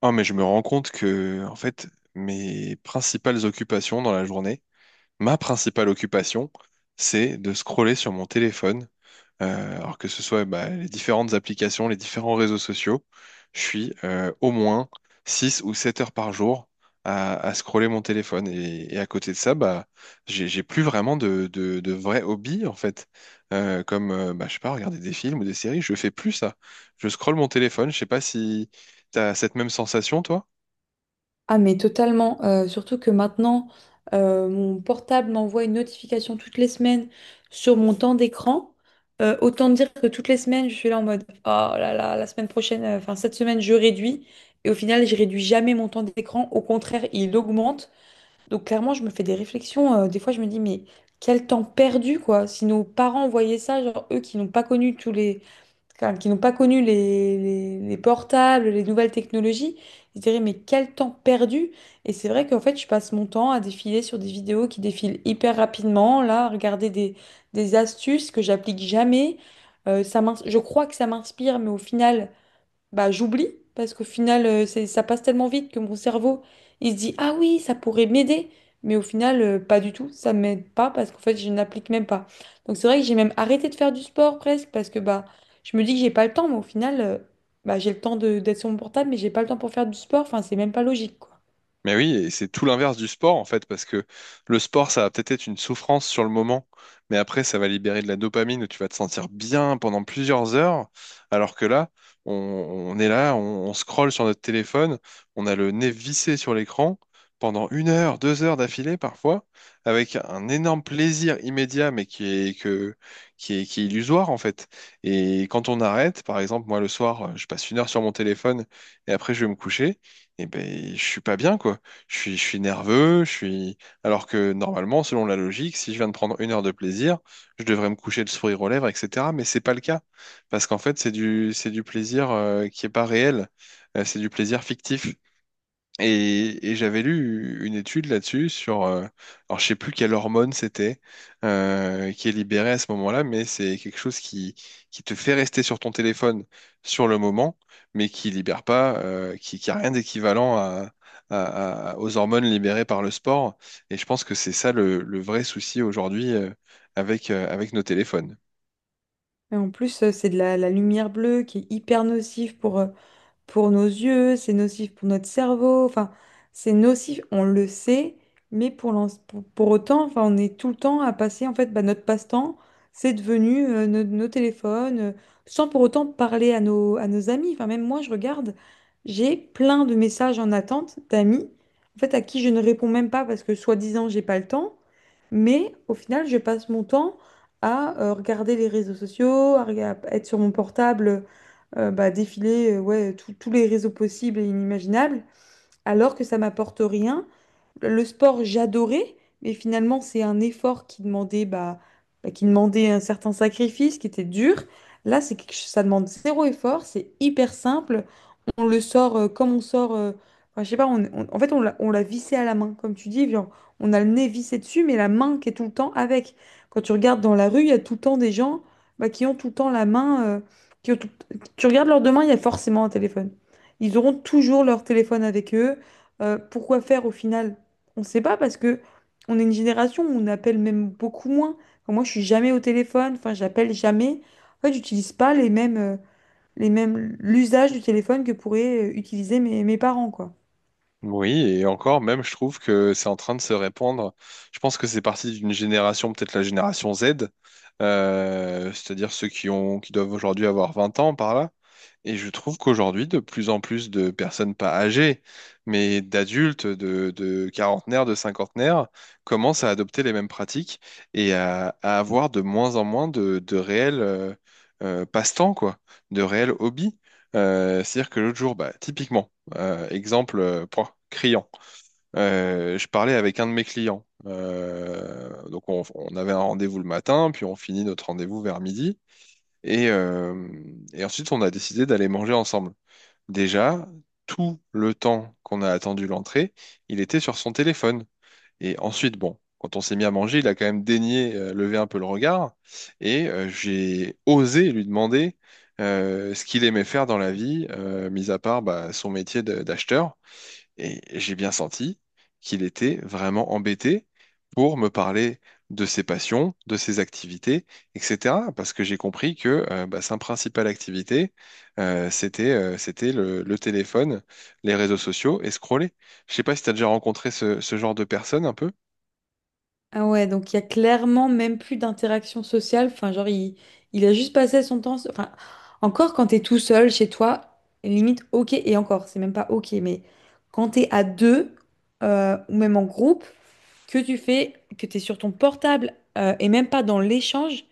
Ah, mais je me rends compte que, en fait, mes principales occupations dans la journée, ma principale occupation, c'est de scroller sur mon téléphone. Alors que ce soit bah, les différentes applications, les différents réseaux sociaux, je suis au moins 6 ou 7 heures par jour à scroller mon téléphone. Et à côté de ça, bah, j'ai plus vraiment de vrais hobbies, en fait. Je sais pas, regarder des films ou des séries, je fais plus ça. Je scrolle mon téléphone, je sais pas si t'as cette même sensation, toi? Ah mais totalement, surtout que maintenant, mon portable m'envoie une notification toutes les semaines sur mon temps d'écran. Autant dire que toutes les semaines, je suis là en mode, oh là là, la semaine prochaine, enfin cette semaine, je réduis. Et au final, je réduis jamais mon temps d'écran. Au contraire, il augmente. Donc clairement, je me fais des réflexions. Des fois, je me dis, mais quel temps perdu, quoi. Si nos parents voyaient ça, genre eux qui n'ont pas connu qui n'ont pas connu les portables, les nouvelles technologies, ils se diraient, mais quel temps perdu! Et c'est vrai qu'en fait, je passe mon temps à défiler sur des vidéos qui défilent hyper rapidement, là, à regarder des astuces que j'applique jamais. Je crois que ça m'inspire, mais au final, bah, j'oublie parce qu'au final, ça passe tellement vite que mon cerveau, il se dit, ah oui, ça pourrait m'aider. Mais au final, pas du tout, ça m'aide pas parce qu'en fait, je n'applique même pas. Donc c'est vrai que j'ai même arrêté de faire du sport presque parce que bah, je me dis que j'ai pas le temps, mais au final, bah, j'ai le temps d'être sur mon portable, mais j'ai pas le temps pour faire du sport. Enfin, c'est même pas logique, quoi. Mais oui, et c'est tout l'inverse du sport en fait, parce que le sport, ça va peut-être être une souffrance sur le moment, mais après, ça va libérer de la dopamine où tu vas te sentir bien pendant plusieurs heures, alors que là, on est là, on scrolle sur notre téléphone, on a le nez vissé sur l'écran pendant 1 heure, 2 heures d'affilée parfois, avec un énorme plaisir immédiat, mais qui est, que, qui est illusoire en fait. Et quand on arrête, par exemple, moi le soir, je passe 1 heure sur mon téléphone et après je vais me coucher et ben je suis pas bien quoi. Je suis nerveux, je suis. Alors que normalement, selon la logique, si je viens de prendre 1 heure de plaisir, je devrais me coucher le sourire aux lèvres, etc. Mais c'est pas le cas parce qu'en fait, c'est du plaisir qui est pas réel. C'est du plaisir fictif. Et j'avais lu une étude là-dessus sur, alors je sais plus quelle hormone c'était qui est libérée à ce moment-là, mais c'est quelque chose qui te fait rester sur ton téléphone sur le moment, mais qui libère pas, qui a rien d'équivalent à, aux hormones libérées par le sport. Et je pense que c'est ça le vrai souci aujourd'hui avec, avec nos téléphones. Et en plus, c'est de la lumière bleue qui est hyper nocive pour nos yeux, c'est nocif pour notre cerveau, enfin, c'est nocif, on le sait, mais pour autant, enfin, on est tout le temps à passer, en fait, bah, notre passe-temps, c'est devenu nos téléphones, sans pour autant parler à nos amis. Enfin, même moi, je regarde, j'ai plein de messages en attente d'amis, en fait, à qui je ne réponds même pas parce que, soi-disant, j'ai pas le temps, mais au final, je passe mon temps à regarder les réseaux sociaux, à être sur mon portable, bah, défiler ouais, tous les réseaux possibles et inimaginables, alors que ça m'apporte rien. Le sport, j'adorais, mais finalement, c'est un effort qui demandait, bah, qui demandait un certain sacrifice, qui était dur. Là, c'est ça demande zéro effort, c'est hyper simple, on le sort, comme on sort. Enfin, je sais pas, en fait, on l'a vissé à la main, comme tu dis. Genre, on a le nez vissé dessus, mais la main qui est tout le temps avec. Quand tu regardes dans la rue, il y a tout le temps des gens bah, qui ont tout le temps la main. Qui ont tout- Tu regardes leurs deux mains, il y a forcément un téléphone. Ils auront toujours leur téléphone avec eux. Pourquoi faire au final? On ne sait pas parce que on est une génération où on appelle même beaucoup moins. Enfin, moi, je suis jamais au téléphone. Enfin, j'appelle jamais. En fait, j'utilise pas les mêmes. L'usage du téléphone que pourraient utiliser mes parents, quoi. Oui, et encore, même, je trouve que c'est en train de se répandre. Je pense que c'est parti d'une génération, peut-être la génération Z, c'est-à-dire ceux qui ont, qui doivent aujourd'hui avoir 20 ans par là, et je trouve qu'aujourd'hui, de plus en plus de personnes pas âgées, mais d'adultes, de quarantenaires, de cinquantenaires, commencent à adopter les mêmes pratiques et à avoir de moins en moins de réels passe-temps, quoi, de réels hobbies. C'est-à-dire que l'autre jour, bah, typiquement, exemple point, criant, je parlais avec un de mes clients. Donc on avait un rendez-vous le matin, puis on finit notre rendez-vous vers midi. Et, euh, et ensuite, on a décidé d'aller manger ensemble. Déjà, tout le temps qu'on a attendu l'entrée, il était sur son téléphone. Et ensuite, bon, quand on s'est mis à manger, il a quand même daigné lever un peu le regard. Et j'ai osé lui demander ce qu'il aimait faire dans la vie, mis à part bah, son métier d'acheteur. Et j'ai bien senti qu'il était vraiment embêté pour me parler de ses passions, de ses activités, etc. Parce que j'ai compris que bah, sa principale activité, c'était le téléphone, les réseaux sociaux et scroller. Je sais pas si tu as déjà rencontré ce, ce genre de personne un peu. Ah ouais, donc il y a clairement même plus d'interaction sociale. Enfin, genre, il a juste passé son temps. Enfin, encore quand t'es tout seul chez toi, limite, ok, et encore, c'est même pas ok, mais quand t'es à deux, ou même en groupe, que tu fais, que t'es sur ton portable, et même pas dans l'échange,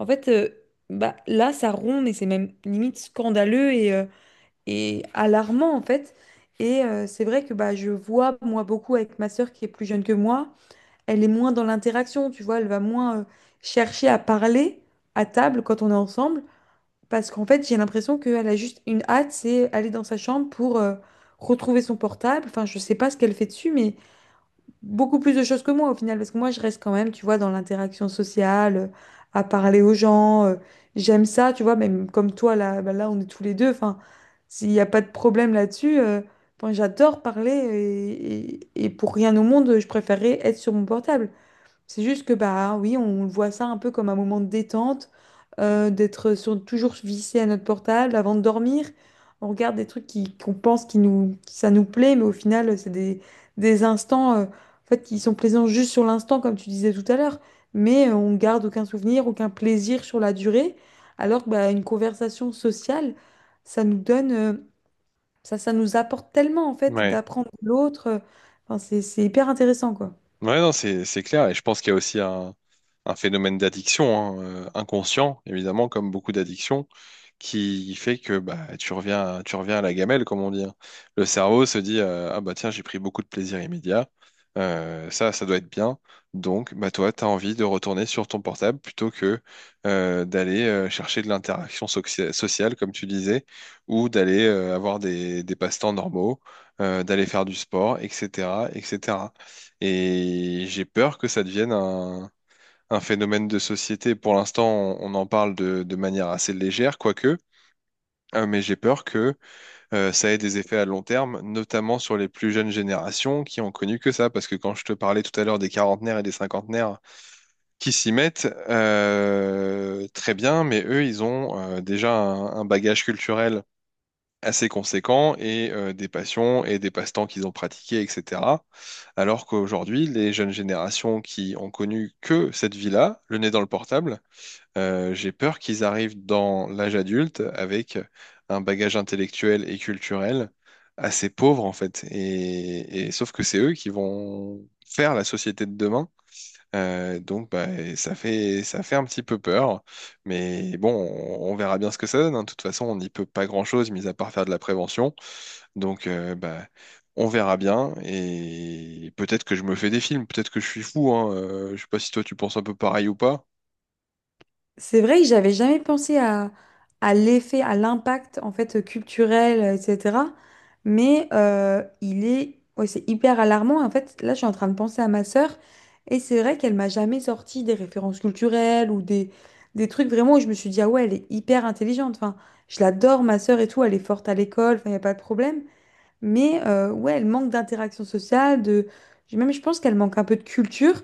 en fait, bah, là, ça rompt, mais c'est même limite scandaleux et alarmant en fait. C'est vrai que bah, je vois moi beaucoup avec ma sœur qui est plus jeune que moi, elle est moins dans l'interaction, tu vois, elle va moins chercher à parler à table quand on est ensemble, parce qu'en fait j'ai l'impression qu'elle a juste une hâte, c'est aller dans sa chambre pour retrouver son portable. Enfin, je sais pas ce qu'elle fait dessus, mais beaucoup plus de choses que moi au final, parce que moi je reste quand même, tu vois, dans l'interaction sociale, à parler aux gens. J'aime ça, tu vois, même comme toi, là, bah là on est tous les deux. Enfin, s'il n'y a pas de problème là-dessus, enfin, j'adore parler et pour rien au monde, je préférerais être sur mon portable. C'est juste que bah oui, on voit ça un peu comme un moment de détente, toujours vissé à notre portable avant de dormir. On regarde des trucs qu'on pense ça nous plaît, mais au final, c'est des instants en fait, qui sont plaisants juste sur l'instant, comme tu disais tout à l'heure. Mais on garde aucun souvenir, aucun plaisir sur la durée. Alors que bah, une conversation sociale, ça nous donne, ça nous apporte tellement en fait Ouais. d'apprendre de l'autre. Enfin, c'est hyper intéressant, quoi. Ouais, non, c'est clair. Et je pense qu'il y a aussi un phénomène d'addiction, hein, inconscient, évidemment, comme beaucoup d'addictions, qui fait que bah, tu reviens à la gamelle, comme on dit, hein. Le cerveau se dit ah bah tiens, j'ai pris beaucoup de plaisir immédiat. Ça doit être bien. Donc, bah toi, tu as envie de retourner sur ton portable plutôt que d'aller chercher de l'interaction soxi- sociale, comme tu disais, ou d'aller avoir des passe-temps normaux, d'aller faire du sport, etc., etc. Et j'ai peur que ça devienne un phénomène de société. Pour l'instant, on en parle de manière assez légère, quoique, mais j'ai peur que ça ait des effets à long terme, notamment sur les plus jeunes générations qui ont connu que ça. Parce que quand je te parlais tout à l'heure des quarantenaires et des cinquantenaires qui s'y mettent, très bien, mais eux, ils ont déjà un bagage culturel assez conséquents et des passions et des passe-temps qu'ils ont pratiqués, etc. Alors qu'aujourd'hui, les jeunes générations qui ont connu que cette vie-là, le nez dans le portable, j'ai peur qu'ils arrivent dans l'âge adulte avec un bagage intellectuel et culturel assez pauvre en fait. Et sauf que c'est eux qui vont faire la société de demain donc bah, ça fait un petit peu peur, mais bon, on verra bien ce que ça donne, hein. De toute façon, on n'y peut pas grand-chose, mis à part faire de la prévention. Donc bah, on verra bien, et peut-être que je me fais des films, peut-être que je suis fou. Hein. Je sais pas si toi tu penses un peu pareil ou pas. C'est vrai que j'avais jamais pensé à l'effet, à l'impact en fait culturel, etc. Mais ouais, c'est hyper alarmant. En fait, là, je suis en train de penser à ma sœur et c'est vrai qu'elle m'a jamais sorti des références culturelles ou des trucs vraiment où je me suis dit, ah ouais, elle est hyper intelligente. Enfin, je l'adore, ma sœur et tout, elle est forte à l'école, enfin, il n'y a pas de problème. Mais ouais, elle manque d'interaction sociale. Même je pense qu'elle manque un peu de culture.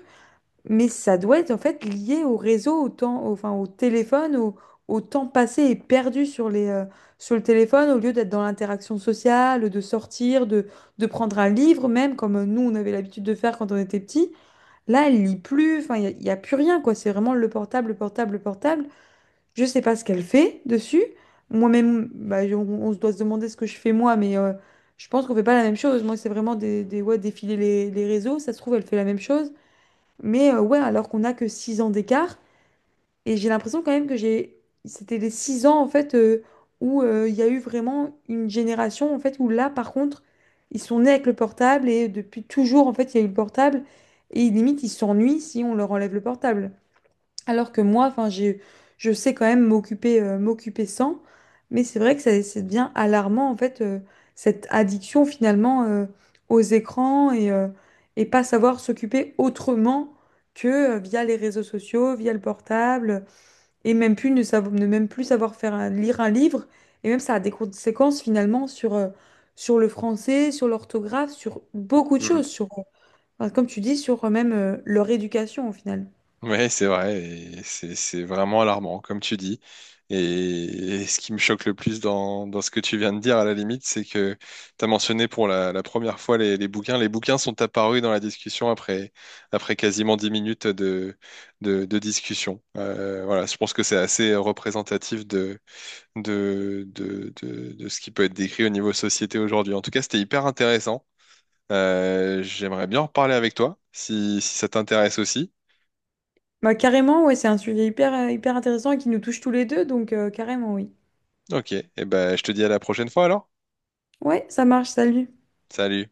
Mais ça doit être en fait lié au réseau, au temps, enfin, au téléphone, au temps passé et perdu sur sur le téléphone, au lieu d'être dans l'interaction sociale, de sortir, de prendre un livre même, comme nous on avait l'habitude de faire quand on était petit. Là, elle lit plus, enfin, y a plus rien, quoi. C'est vraiment le portable, le portable, le portable. Je sais pas ce qu'elle fait dessus. Moi-même, bah, on se doit se demander ce que je fais moi, mais je pense qu'on fait pas la même chose. Moi, c'est vraiment ouais, défiler les réseaux. Ça se trouve, elle fait la même chose. Mais ouais, alors qu'on n'a que 6 ans d'écart. Et j'ai l'impression quand même que j'ai... C'était les 6 ans, en fait, où il y a eu vraiment une génération, en fait, où là, par contre, ils sont nés avec le portable et depuis toujours, en fait, il y a eu le portable. Et limite, ils s'ennuient si on leur enlève le portable. Alors que moi, enfin, je sais quand même m'occuper sans, mais c'est vrai que ça devient alarmant, en fait, cette addiction finalement aux écrans et pas savoir s'occuper autrement que via les réseaux sociaux, via le portable, et même plus ne, savo- ne même plus savoir faire lire un livre. Et même ça a des conséquences finalement sur le français, sur l'orthographe, sur beaucoup de choses, enfin, comme tu dis, sur même leur éducation au final. Ouais, c'est vrai, et c'est vraiment alarmant, comme tu dis. Et, et ce qui me choque le plus dans ce que tu viens de dire, à la limite, c'est que tu as mentionné pour la première fois les bouquins. Les bouquins sont apparus dans la discussion après quasiment 10 minutes de, discussion. Voilà, je pense que c'est assez représentatif de ce qui peut être décrit au niveau société aujourd'hui. En tout cas, c'était hyper intéressant. J'aimerais bien en reparler avec toi, si, si ça t'intéresse aussi. Bah, carrément, ouais, c'est un sujet hyper intéressant et qui nous touche tous les deux, donc carrément, oui. Ok, et ben je te dis à la prochaine fois alors. Ouais, ça marche, salut. Salut.